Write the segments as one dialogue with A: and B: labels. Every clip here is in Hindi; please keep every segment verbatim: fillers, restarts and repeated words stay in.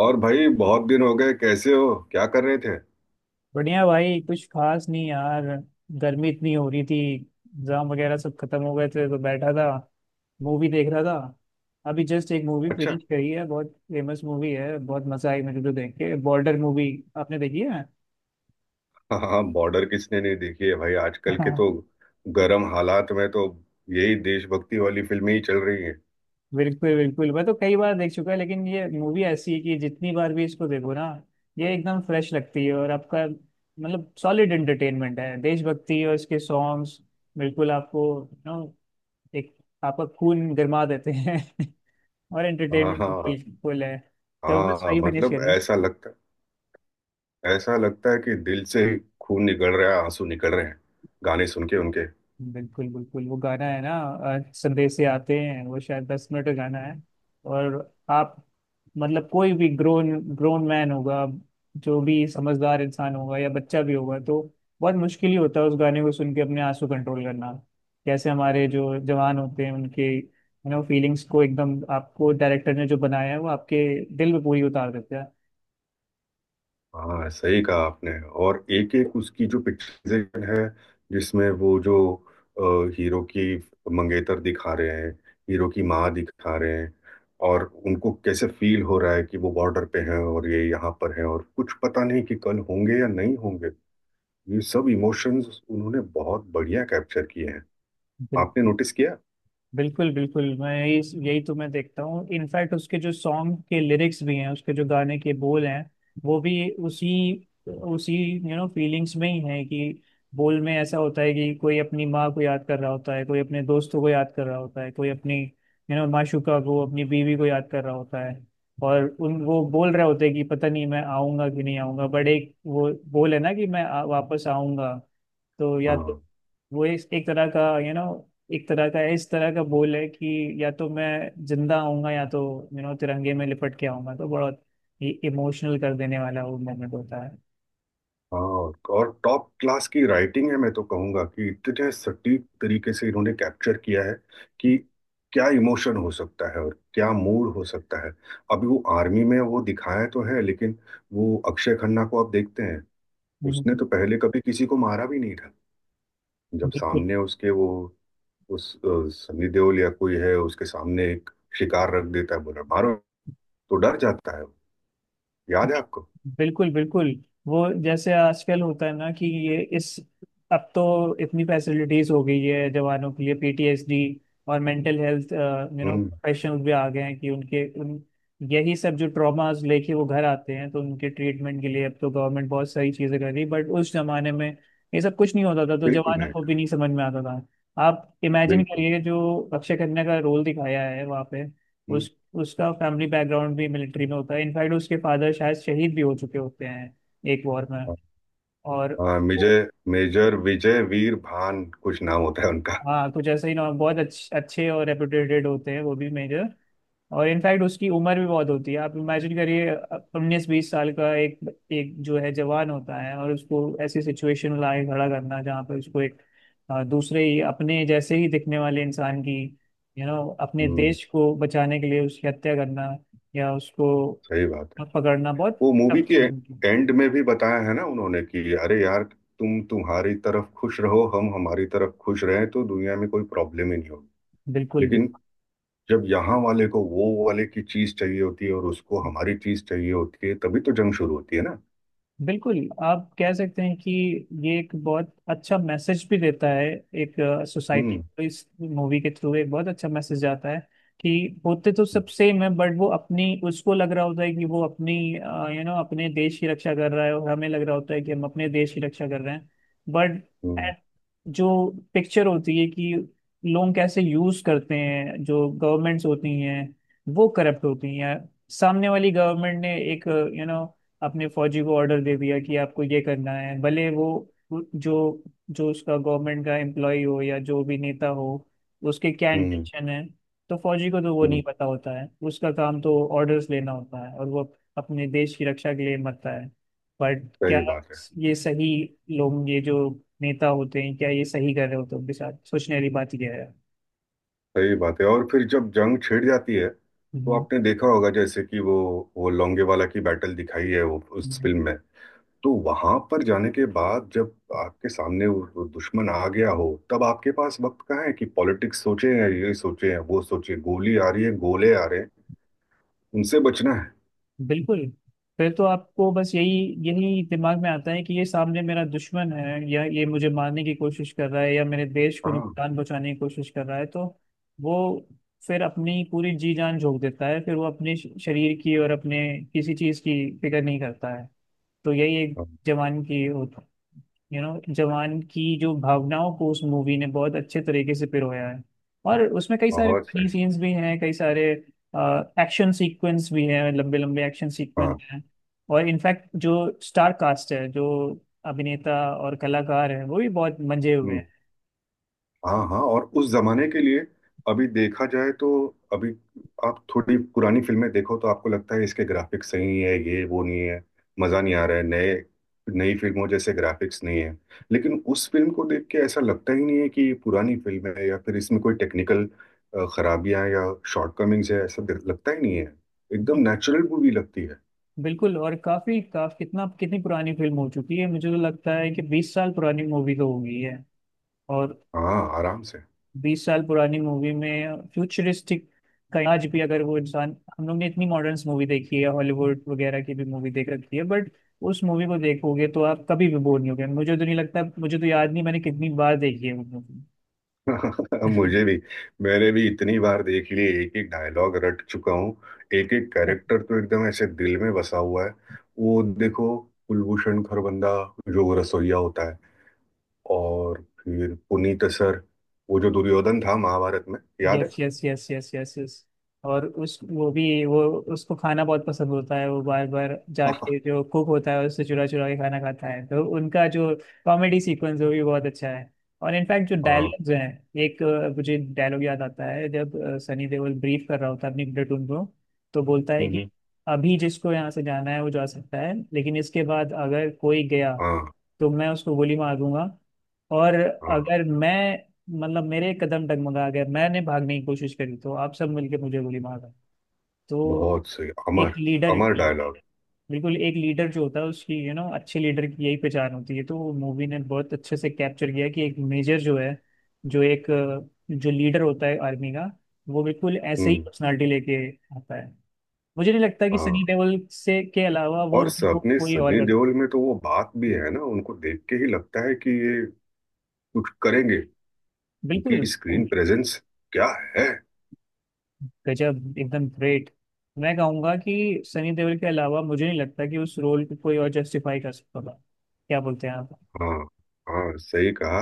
A: और भाई, बहुत दिन हो गए। कैसे हो? क्या कर रहे थे?
B: बढ़िया भाई। कुछ खास नहीं यार। गर्मी इतनी हो रही थी, एग्जाम वगैरह सब खत्म हो गए थे तो बैठा था, मूवी देख रहा था। अभी जस्ट एक मूवी
A: अच्छा।
B: फिनिश करी है। बहुत फेमस मूवी है, बहुत मजा आई मुझे तो देख के। Border movie. आपने देखी है?
A: हाँ, हाँ, बॉर्डर किसने नहीं देखी है भाई, आजकल के
B: हाँ।
A: तो गर्म हालात में तो यही देशभक्ति वाली फिल्में ही चल रही हैं।
B: बिल्कुल बिल्कुल, मैं तो कई बार देख चुका है, लेकिन ये मूवी ऐसी है कि जितनी बार भी इसको देखो ना, ये एकदम फ्रेश लगती है। और आपका मतलब सॉलिड एंटरटेनमेंट है, देशभक्ति और इसके सॉन्ग्स बिल्कुल आपको, यू नो, एक आपका खून गरमा देते हैं और
A: हाँ,
B: एंटरटेनमेंट भी
A: हाँ।
B: पेज फुल है। तो बस
A: हाँ,
B: वही फिनिश
A: मतलब
B: करिए।
A: ऐसा लगता ऐसा लगता है कि दिल से ही खून निकल रहा है, आंसू निकल रहे हैं गाने सुन के उनके।
B: बिल्कुल बिल्कुल। वो गाना है ना, अ, संदेश से आते हैं, वो शायद दस मिनट का गाना है। और आप मतलब कोई भी ग्रोन ग्रोन मैन होगा, जो भी समझदार इंसान होगा या बच्चा भी होगा, तो बहुत मुश्किल ही होता है उस गाने को सुन के अपने आंसू कंट्रोल करना। कैसे हमारे जो जवान होते हैं उनके, यू नो, फीलिंग्स को एकदम आपको डायरेक्टर ने जो बनाया है, वो आपके दिल में पूरी उतार देता
A: हाँ, सही कहा आपने। और एक एक उसकी जो पिक्चराइजेशन है, जिसमें वो जो हीरो की मंगेतर दिखा रहे हैं, हीरो की माँ दिखा रहे हैं, और उनको कैसे फील हो रहा है कि वो बॉर्डर पे हैं और ये यहाँ पर हैं और कुछ पता नहीं कि कल होंगे या नहीं होंगे। ये सब इमोशंस उन्होंने बहुत बढ़िया कैप्चर किए हैं। आपने
B: है।
A: नोटिस किया?
B: बिल्कुल बिल्कुल। मैं यही यही तो मैं देखता हूँ। इनफैक्ट उसके जो सॉन्ग के लिरिक्स भी हैं, उसके जो गाने के बोल हैं, वो भी उसी उसी, यू नो, फीलिंग्स में ही हैं। कि बोल में ऐसा होता है कि कोई अपनी माँ को याद कर रहा होता है, कोई अपने दोस्तों को याद कर रहा होता है, कोई अपनी, यू नो, माशूका को, अपनी बीवी को याद कर रहा होता है। और उन वो बोल रहे होते हैं कि पता नहीं मैं आऊंगा कि नहीं आऊंगा, बट एक वो बोल है ना, कि मैं आ, वापस आऊंगा। तो या तो
A: हाँ,
B: वो एक, एक तरह का, यू नो, एक तरह का इस तरह का बोल है कि या तो मैं जिंदा आऊंगा, या तो, यू नो, तिरंगे में लिपट के आऊंगा, तो बहुत इमोशनल कर देने वाला वो मोमेंट होता है।
A: हाँ। और टॉप क्लास की राइटिंग है, मैं तो कहूंगा कि इतने सटीक तरीके से इन्होंने कैप्चर किया है कि क्या इमोशन हो सकता है और क्या मूड हो सकता है। अभी वो आर्मी में वो दिखाया तो है, लेकिन वो अक्षय खन्ना को आप देखते हैं, उसने
B: हम्म।
A: तो पहले कभी किसी को मारा भी नहीं था। जब
B: बिल्कुल
A: सामने उसके वो, उस अ, सन्नी देओल या कोई है उसके सामने एक शिकार रख देता है, बोला मारो, तो डर जाता है वो। याद है आपको?
B: बिल्कुल। बिल्कुल वो जैसे आजकल होता है ना कि ये इस अब तो इतनी फैसिलिटीज हो गई है जवानों के लिए, पी टी एस डी और mental health, you know,
A: hmm.
B: Professionals भी आ गए हैं, कि उनके उन यही सब जो ट्रॉमास लेके वो घर आते हैं तो उनके ट्रीटमेंट के लिए अब तो गवर्नमेंट बहुत सारी चीजें कर रही है। बट उस जमाने में ये सब कुछ नहीं होता था तो
A: बिल्कुल
B: जवानों
A: नहीं।
B: को भी नहीं समझ में आता था। आप इमेजिन
A: बिल्कुल।
B: करिए जो अक्षय खन्ना का रोल दिखाया है वहाँ पे,
A: हम्म।
B: उस उसका फैमिली बैकग्राउंड भी मिलिट्री में होता है। इनफैक्ट उसके फादर शायद शहीद भी हो चुके होते हैं एक वॉर में। और
A: हाँ, मेजर मेजर विजय वीर भान कुछ नाम होता है उनका।
B: हाँ, कुछ ऐसे ही ना, बहुत अच्छे अच्छे और रेपुटेटेड होते हैं वो भी मेजर। और इनफैक्ट उसकी उम्र भी बहुत होती है, आप इमेजिन करिए, उन्नीस बीस साल का एक एक जो है जवान होता है, और उसको ऐसी सिचुएशन में लाके खड़ा करना जहाँ पर उसको एक अ, दूसरे ही, अपने जैसे ही दिखने वाले इंसान की, यू you नो know, अपने
A: हम्म।
B: देश को बचाने के लिए उसकी हत्या करना या उसको
A: सही बात है।
B: और पकड़ना बहुत
A: वो मूवी
B: टफ
A: के
B: चीज होती है।
A: एंड में भी बताया है ना उन्होंने कि अरे यार, तुम तुम्हारी तरफ खुश रहो, हम हमारी तरफ खुश रहें, तो दुनिया में कोई प्रॉब्लम ही नहीं होगी।
B: बिल्कुल बिल्कुल।
A: लेकिन जब यहाँ वाले को वो वाले की चीज चाहिए होती है और उसको हमारी चीज चाहिए होती है, तभी तो जंग शुरू होती है ना।
B: बिल्कुल आप कह सकते हैं कि ये एक बहुत अच्छा मैसेज भी देता है। एक सोसाइटी
A: हम्म,
B: को इस मूवी के थ्रू एक बहुत अच्छा मैसेज जाता है कि होते तो सब सेम है, बट वो अपनी उसको लग रहा होता है कि वो अपनी, यू नो, अपने देश की रक्षा कर रहा है, और हमें लग रहा होता है कि हम अपने देश की रक्षा कर रहे हैं। बट
A: हम्म,
B: जो पिक्चर होती है कि लोग कैसे यूज करते हैं, जो गवर्नमेंट्स होती हैं वो करप्ट होती हैं। सामने वाली गवर्नमेंट ने एक, यू नो, अपने फौजी को ऑर्डर दे दिया कि आपको ये करना है, भले वो जो जो उसका गवर्नमेंट का एम्प्लॉय हो या जो भी नेता हो, उसके क्या
A: हम्म,
B: इंटेंशन है। तो फौजी को तो वो
A: हम्म।
B: नहीं पता होता है, उसका काम तो ऑर्डर्स लेना होता है, और वो अपने देश की रक्षा के लिए मरता है। बट क्या
A: सही बात है।
B: ये सही, लोग ये जो नेता होते हैं क्या ये सही कर रहे होते हैं उनके साथ, सोचने वाली बात यह है।
A: सही बात है। और फिर जब जंग छिड़ जाती है तो आपने देखा होगा जैसे कि वो वो लोंगेवाला की बैटल दिखाई है वो, उस
B: हम्म।
A: फिल्म में। तो वहां पर जाने के बाद जब आपके सामने वो वो दुश्मन आ गया हो, तब आपके पास वक्त कहाँ है कि पॉलिटिक्स सोचे हैं, ये सोचे हैं, वो सोचे? गोली आ रही है, गोले आ रहे हैं, उनसे बचना है।
B: बिल्कुल। फिर तो आपको बस यही यही दिमाग में आता है कि ये सामने मेरा दुश्मन है, या ये मुझे मारने की कोशिश कर रहा है, या मेरे देश को
A: हाँ,
B: नुकसान पहुंचाने की कोशिश कर रहा है, तो वो फिर अपनी पूरी जी जान झोंक देता है। फिर वो अपने श- शरीर की और अपने किसी चीज की फिक्र नहीं करता है। तो यही एक
A: हाँ,
B: जवान की, यू नो, जवान की जो भावनाओं को उस मूवी ने बहुत अच्छे तरीके से पिरोया है। और उसमें कई सारे
A: बहुत सही।
B: फनी सीन्स भी हैं, कई सारे एक्शन सीक्वेंस भी हैं, लंबे लंबे एक्शन सीक्वेंस
A: हाँ।
B: हैं। और इनफैक्ट जो स्टार कास्ट है, जो अभिनेता और कलाकार है वो भी बहुत मंजे हुए
A: हम्म।
B: हैं।
A: हाँ, हाँ और उस जमाने के लिए, अभी देखा जाए तो अभी, आप थोड़ी पुरानी फिल्में देखो तो आपको लगता है इसके ग्राफिक्स सही है, ये वो नहीं है, मजा नहीं आ रहा है, नए नई फिल्मों जैसे ग्राफिक्स नहीं है। लेकिन उस फिल्म को देख के ऐसा लगता ही नहीं है कि ये पुरानी फिल्म है या फिर इसमें कोई टेक्निकल खराबियां या शॉर्टकमिंग्स है, ऐसा लगता ही नहीं है। एकदम नेचुरल मूवी लगती है।
B: बिल्कुल। और काफी काफ कितना कितनी पुरानी फिल्म हो चुकी है, मुझे तो लगता है कि बीस साल पुरानी मूवी तो हो गई है। और
A: हाँ, आराम से।
B: बीस साल पुरानी मूवी में फ्यूचरिस्टिक का आज भी, अगर वो इंसान, हम लोग ने इतनी मॉडर्न मूवी देखी है, हॉलीवुड वगैरह की भी मूवी देख रखी है, बट उस मूवी को देखोगे तो आप कभी भी बोर नहीं होगे। मुझे तो नहीं लगता, मुझे तो याद नहीं मैंने कितनी बार देखी है वो मूवी।
A: मुझे भी। मैंने भी इतनी बार देख ली, एक एक डायलॉग रट चुका हूँ, एक एक कैरेक्टर तो एकदम ऐसे दिल में बसा हुआ है। वो देखो, कुलभूषण खरबंदा जो रसोइया होता है, और फिर पुनीत सर, वो जो दुर्योधन था महाभारत में, याद है?
B: Yes yes yes yes yes yes. और उस वो भी वो उसको खाना बहुत पसंद होता है। वो बार बार
A: हाँ।
B: जाके जो कुक होता है उससे चुरा चुरा के खाना खाता है, तो उनका जो कॉमेडी सीक्वेंस है वो भी बहुत अच्छा है। और इनफैक्ट जो
A: हाँ।
B: डायलॉग्स हैं, एक अ, मुझे डायलॉग याद आता है जब अ, सनी देओल ब्रीफ कर रहा होता है अपनी प्लेटून को, तो बोलता है
A: हम्म,
B: कि अभी जिसको यहाँ से जाना है वो जा सकता है, लेकिन इसके बाद अगर कोई गया
A: हाँ,
B: तो मैं उसको गोली मार दूंगा। और
A: हाँ।
B: अगर मैं, मतलब मेरे कदम डगमगा गए, मैंने भागने की कोशिश करी, तो आप सब मिलके मुझे गोली मारा। तो
A: बहुत सही। अमर
B: एक लीडर,
A: अमर डायलॉग।
B: बिल्कुल एक लीडर जो होता है उसकी, यू नो, अच्छे लीडर की यही पहचान होती है। तो मूवी ने बहुत अच्छे से कैप्चर किया कि एक मेजर जो है, जो एक अ, जो लीडर होता है आर्मी का, वो बिल्कुल ऐसे ही
A: हम्म।
B: पर्सनालिटी लेके आता है। मुझे नहीं लगता कि सनी
A: हाँ।
B: देओल से के अलावा वो
A: और
B: रोल को
A: अपने
B: कोई और
A: सनी
B: कर।
A: देओल में तो वो बात भी है ना, उनको देख के ही लगता है कि ये कुछ करेंगे।
B: बिल्कुल,
A: उनकी स्क्रीन प्रेजेंस क्या है!
B: गजब, एकदम ग्रेट। मैं कहूंगा कि सनी देओल के अलावा मुझे नहीं लगता कि उस रोल को कोई और जस्टिफाई कर सकता था। क्या बोलते हैं आप?
A: हाँ, हाँ, सही कहा।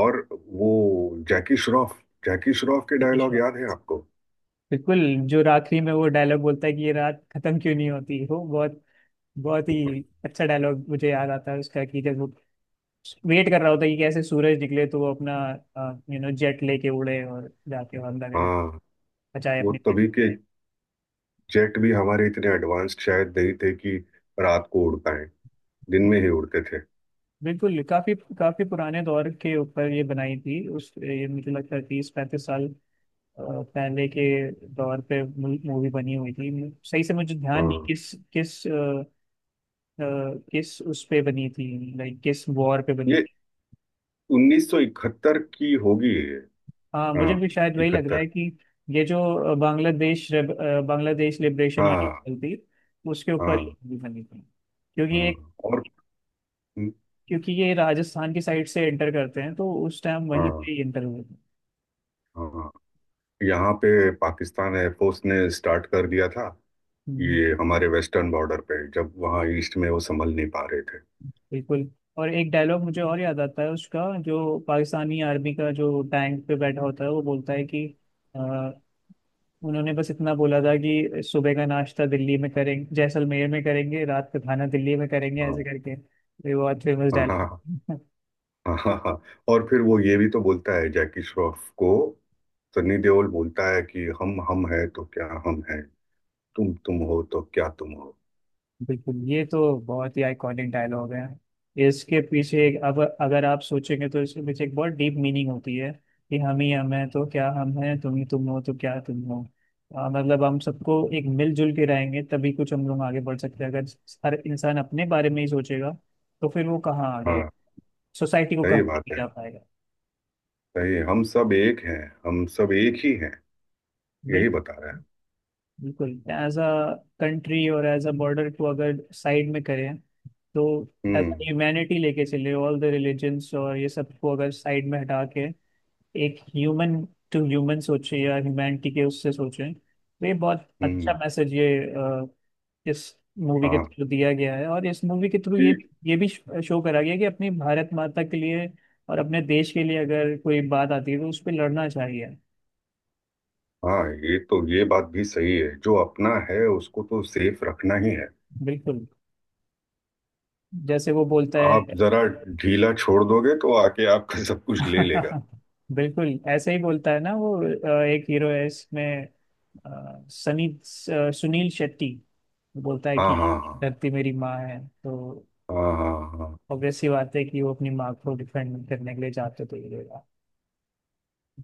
A: और वो जैकी श्रॉफ, जैकी श्रॉफ के
B: विकी
A: डायलॉग
B: श्रॉफ।
A: याद है आपको?
B: बिल्कुल। जो आखिरी में वो डायलॉग बोलता है कि ये रात खत्म क्यों नहीं होती, वो बहुत, बहुत ही अच्छा डायलॉग मुझे याद आता है उसका। कि जब वो वेट कर रहा होता है कि कैसे सूरज निकले, तो वो अपना, यू नो, जेट लेके उड़े और जाके हमला करें,
A: हाँ,
B: बचाए
A: वो
B: अपनी पीठ।
A: तभी के जेट भी हमारे इतने एडवांस्ड शायद नहीं थे कि रात को उड़ पाए, दिन में ही उड़ते थे।
B: बिल्कुल। काफी काफी पुराने दौर के ऊपर ये बनाई थी, उस ये मुझे लगता है तीस पैंतीस साल अ, पहले के दौर पे मूवी बनी हुई थी। सही से मुझे ध्यान नहीं
A: हाँ,
B: किस किस अ, अ, किस उस पे बनी थी, लाइक किस वॉर पे बनी
A: ये
B: थी।
A: उन्नीस सौ इकहत्तर की होगी ये।
B: हाँ
A: हाँ,
B: मुझे भी शायद वही लग रहा है
A: इकहत्तर।
B: कि ये जो अ, बांग्लादेश रेब- अ, बांग्लादेश लिबरेशन वाली
A: हाँ,
B: battle थी उसके ऊपर
A: हाँ,
B: ये movie बनी थी, क्योंकि ये
A: हाँ। और
B: क्योंकि ये राजस्थान की साइड से एंटर करते हैं, तो उस टाइम वहीं
A: हाँ,
B: पे एंटर हुए थे।
A: हाँ, यहाँ पे पाकिस्तान एयरफोर्स ने स्टार्ट कर दिया था,
B: हम्म, हम्म।
A: ये हमारे वेस्टर्न बॉर्डर पे, जब वहाँ ईस्ट में वो संभल नहीं पा रहे थे।
B: बिल्कुल। और एक डायलॉग मुझे और याद आता है उसका, जो पाकिस्तानी आर्मी का जो टैंक पे बैठा होता है वो बोलता है कि अ, उन्होंने बस इतना बोला था कि सुबह का नाश्ता दिल्ली में करेंगे, जैसलमेर में करेंगे, रात का खाना दिल्ली में करेंगे, ऐसे
A: हाँ,
B: करके। ये बहुत फेमस
A: हाँ, हाँ, हाँ,
B: डायलॉग।
A: हाँ। हाँ, हाँ, हाँ। और फिर वो ये भी तो बोलता है जैकी श्रॉफ को, सनी देओल बोलता है कि हम हम है तो क्या हम है, तुम तुम हो तो क्या तुम हो।
B: बिल्कुल ये तो बहुत ही आइकॉनिक डायलॉग है। इसके पीछे एक, अब अगर आप सोचेंगे, तो इसके पीछे एक बहुत डीप मीनिंग होती है कि हम ही हम हैं तो क्या हम हैं, तुम ही तुम हो तो क्या तुम हो। आ, मतलब हम सबको एक मिलजुल के रहेंगे तभी कुछ हम लोग आगे बढ़ सकते हैं। अगर हर इंसान अपने बारे में ही सोचेगा, तो फिर वो कहाँ आगे,
A: हाँ,
B: सोसाइटी को कहाँ
A: सही
B: आगे
A: बात है।
B: जा पाएगा।
A: सही, हम सब एक हैं, हम सब एक ही हैं,
B: बिल
A: यही बता रहा है।
B: बिल्कुल एज अ कंट्री, और एज अ बॉर्डर को अगर साइड में करें, तो एज
A: हम्म।
B: ह्यूमैनिटी लेके चले, ऑल द रिलीजन्स और ये सब को अगर साइड में हटा के, एक ह्यूमन टू ह्यूमन सोचे या ह्यूमैनिटी के उससे सोचें, तो ये बहुत अच्छा
A: हम्म।
B: मैसेज ये अ, इस मूवी के
A: हाँ,
B: थ्रू दिया गया है। और इस मूवी के थ्रू
A: कि
B: ये ये भी शो करा गया कि अपनी भारत माता के लिए और अपने देश के लिए अगर कोई बात आती है तो उस पर लड़ना चाहिए।
A: हाँ, ये तो ये बात भी सही है, जो अपना है उसको तो सेफ रखना ही है।
B: बिल्कुल। जैसे वो बोलता
A: आप
B: है
A: जरा ढीला छोड़ दोगे तो आके आपका सब कुछ ले लेगा।
B: बिल्कुल ऐसे ही बोलता है ना वो। अ, एक हीरो है इसमें, अ, सनी अ, सुनील शेट्टी, वो बोलता है कि
A: हाँ, हाँ, हाँ,
B: धरती मेरी माँ है। तो
A: हाँ, हाँ, हाँ।
B: ऑब्वियस सी बात है कि वो अपनी माँ को डिफेंड करने के लिए जाते तो हीरो।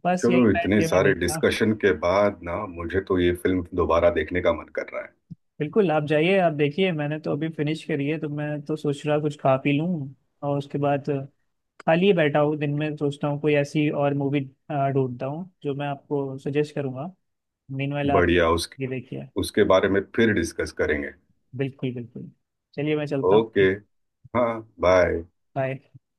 B: बस यही
A: चलो,
B: बैठ
A: इतने
B: के मैं
A: सारे
B: देखता।
A: डिस्कशन के बाद ना मुझे तो ये फिल्म दोबारा देखने का मन कर रहा है।
B: बिल्कुल आप जाइए, आप देखिए। मैंने तो अभी फिनिश करी है, तो मैं तो सोच रहा कुछ खा पी लूँ। और उसके बाद खाली ही बैठा हूँ दिन में, सोचता हूँ कोई ऐसी और मूवी ढूंढता हूँ जो मैं आपको सजेस्ट करूंगा। मीनवाइल आप
A: बढ़िया। उसके
B: ये देखिए।
A: उसके बारे में फिर डिस्कस करेंगे।
B: बिल्कुल बिल्कुल। चलिए मैं चलता हूँ।
A: ओके। हाँ, बाय।
B: बाय।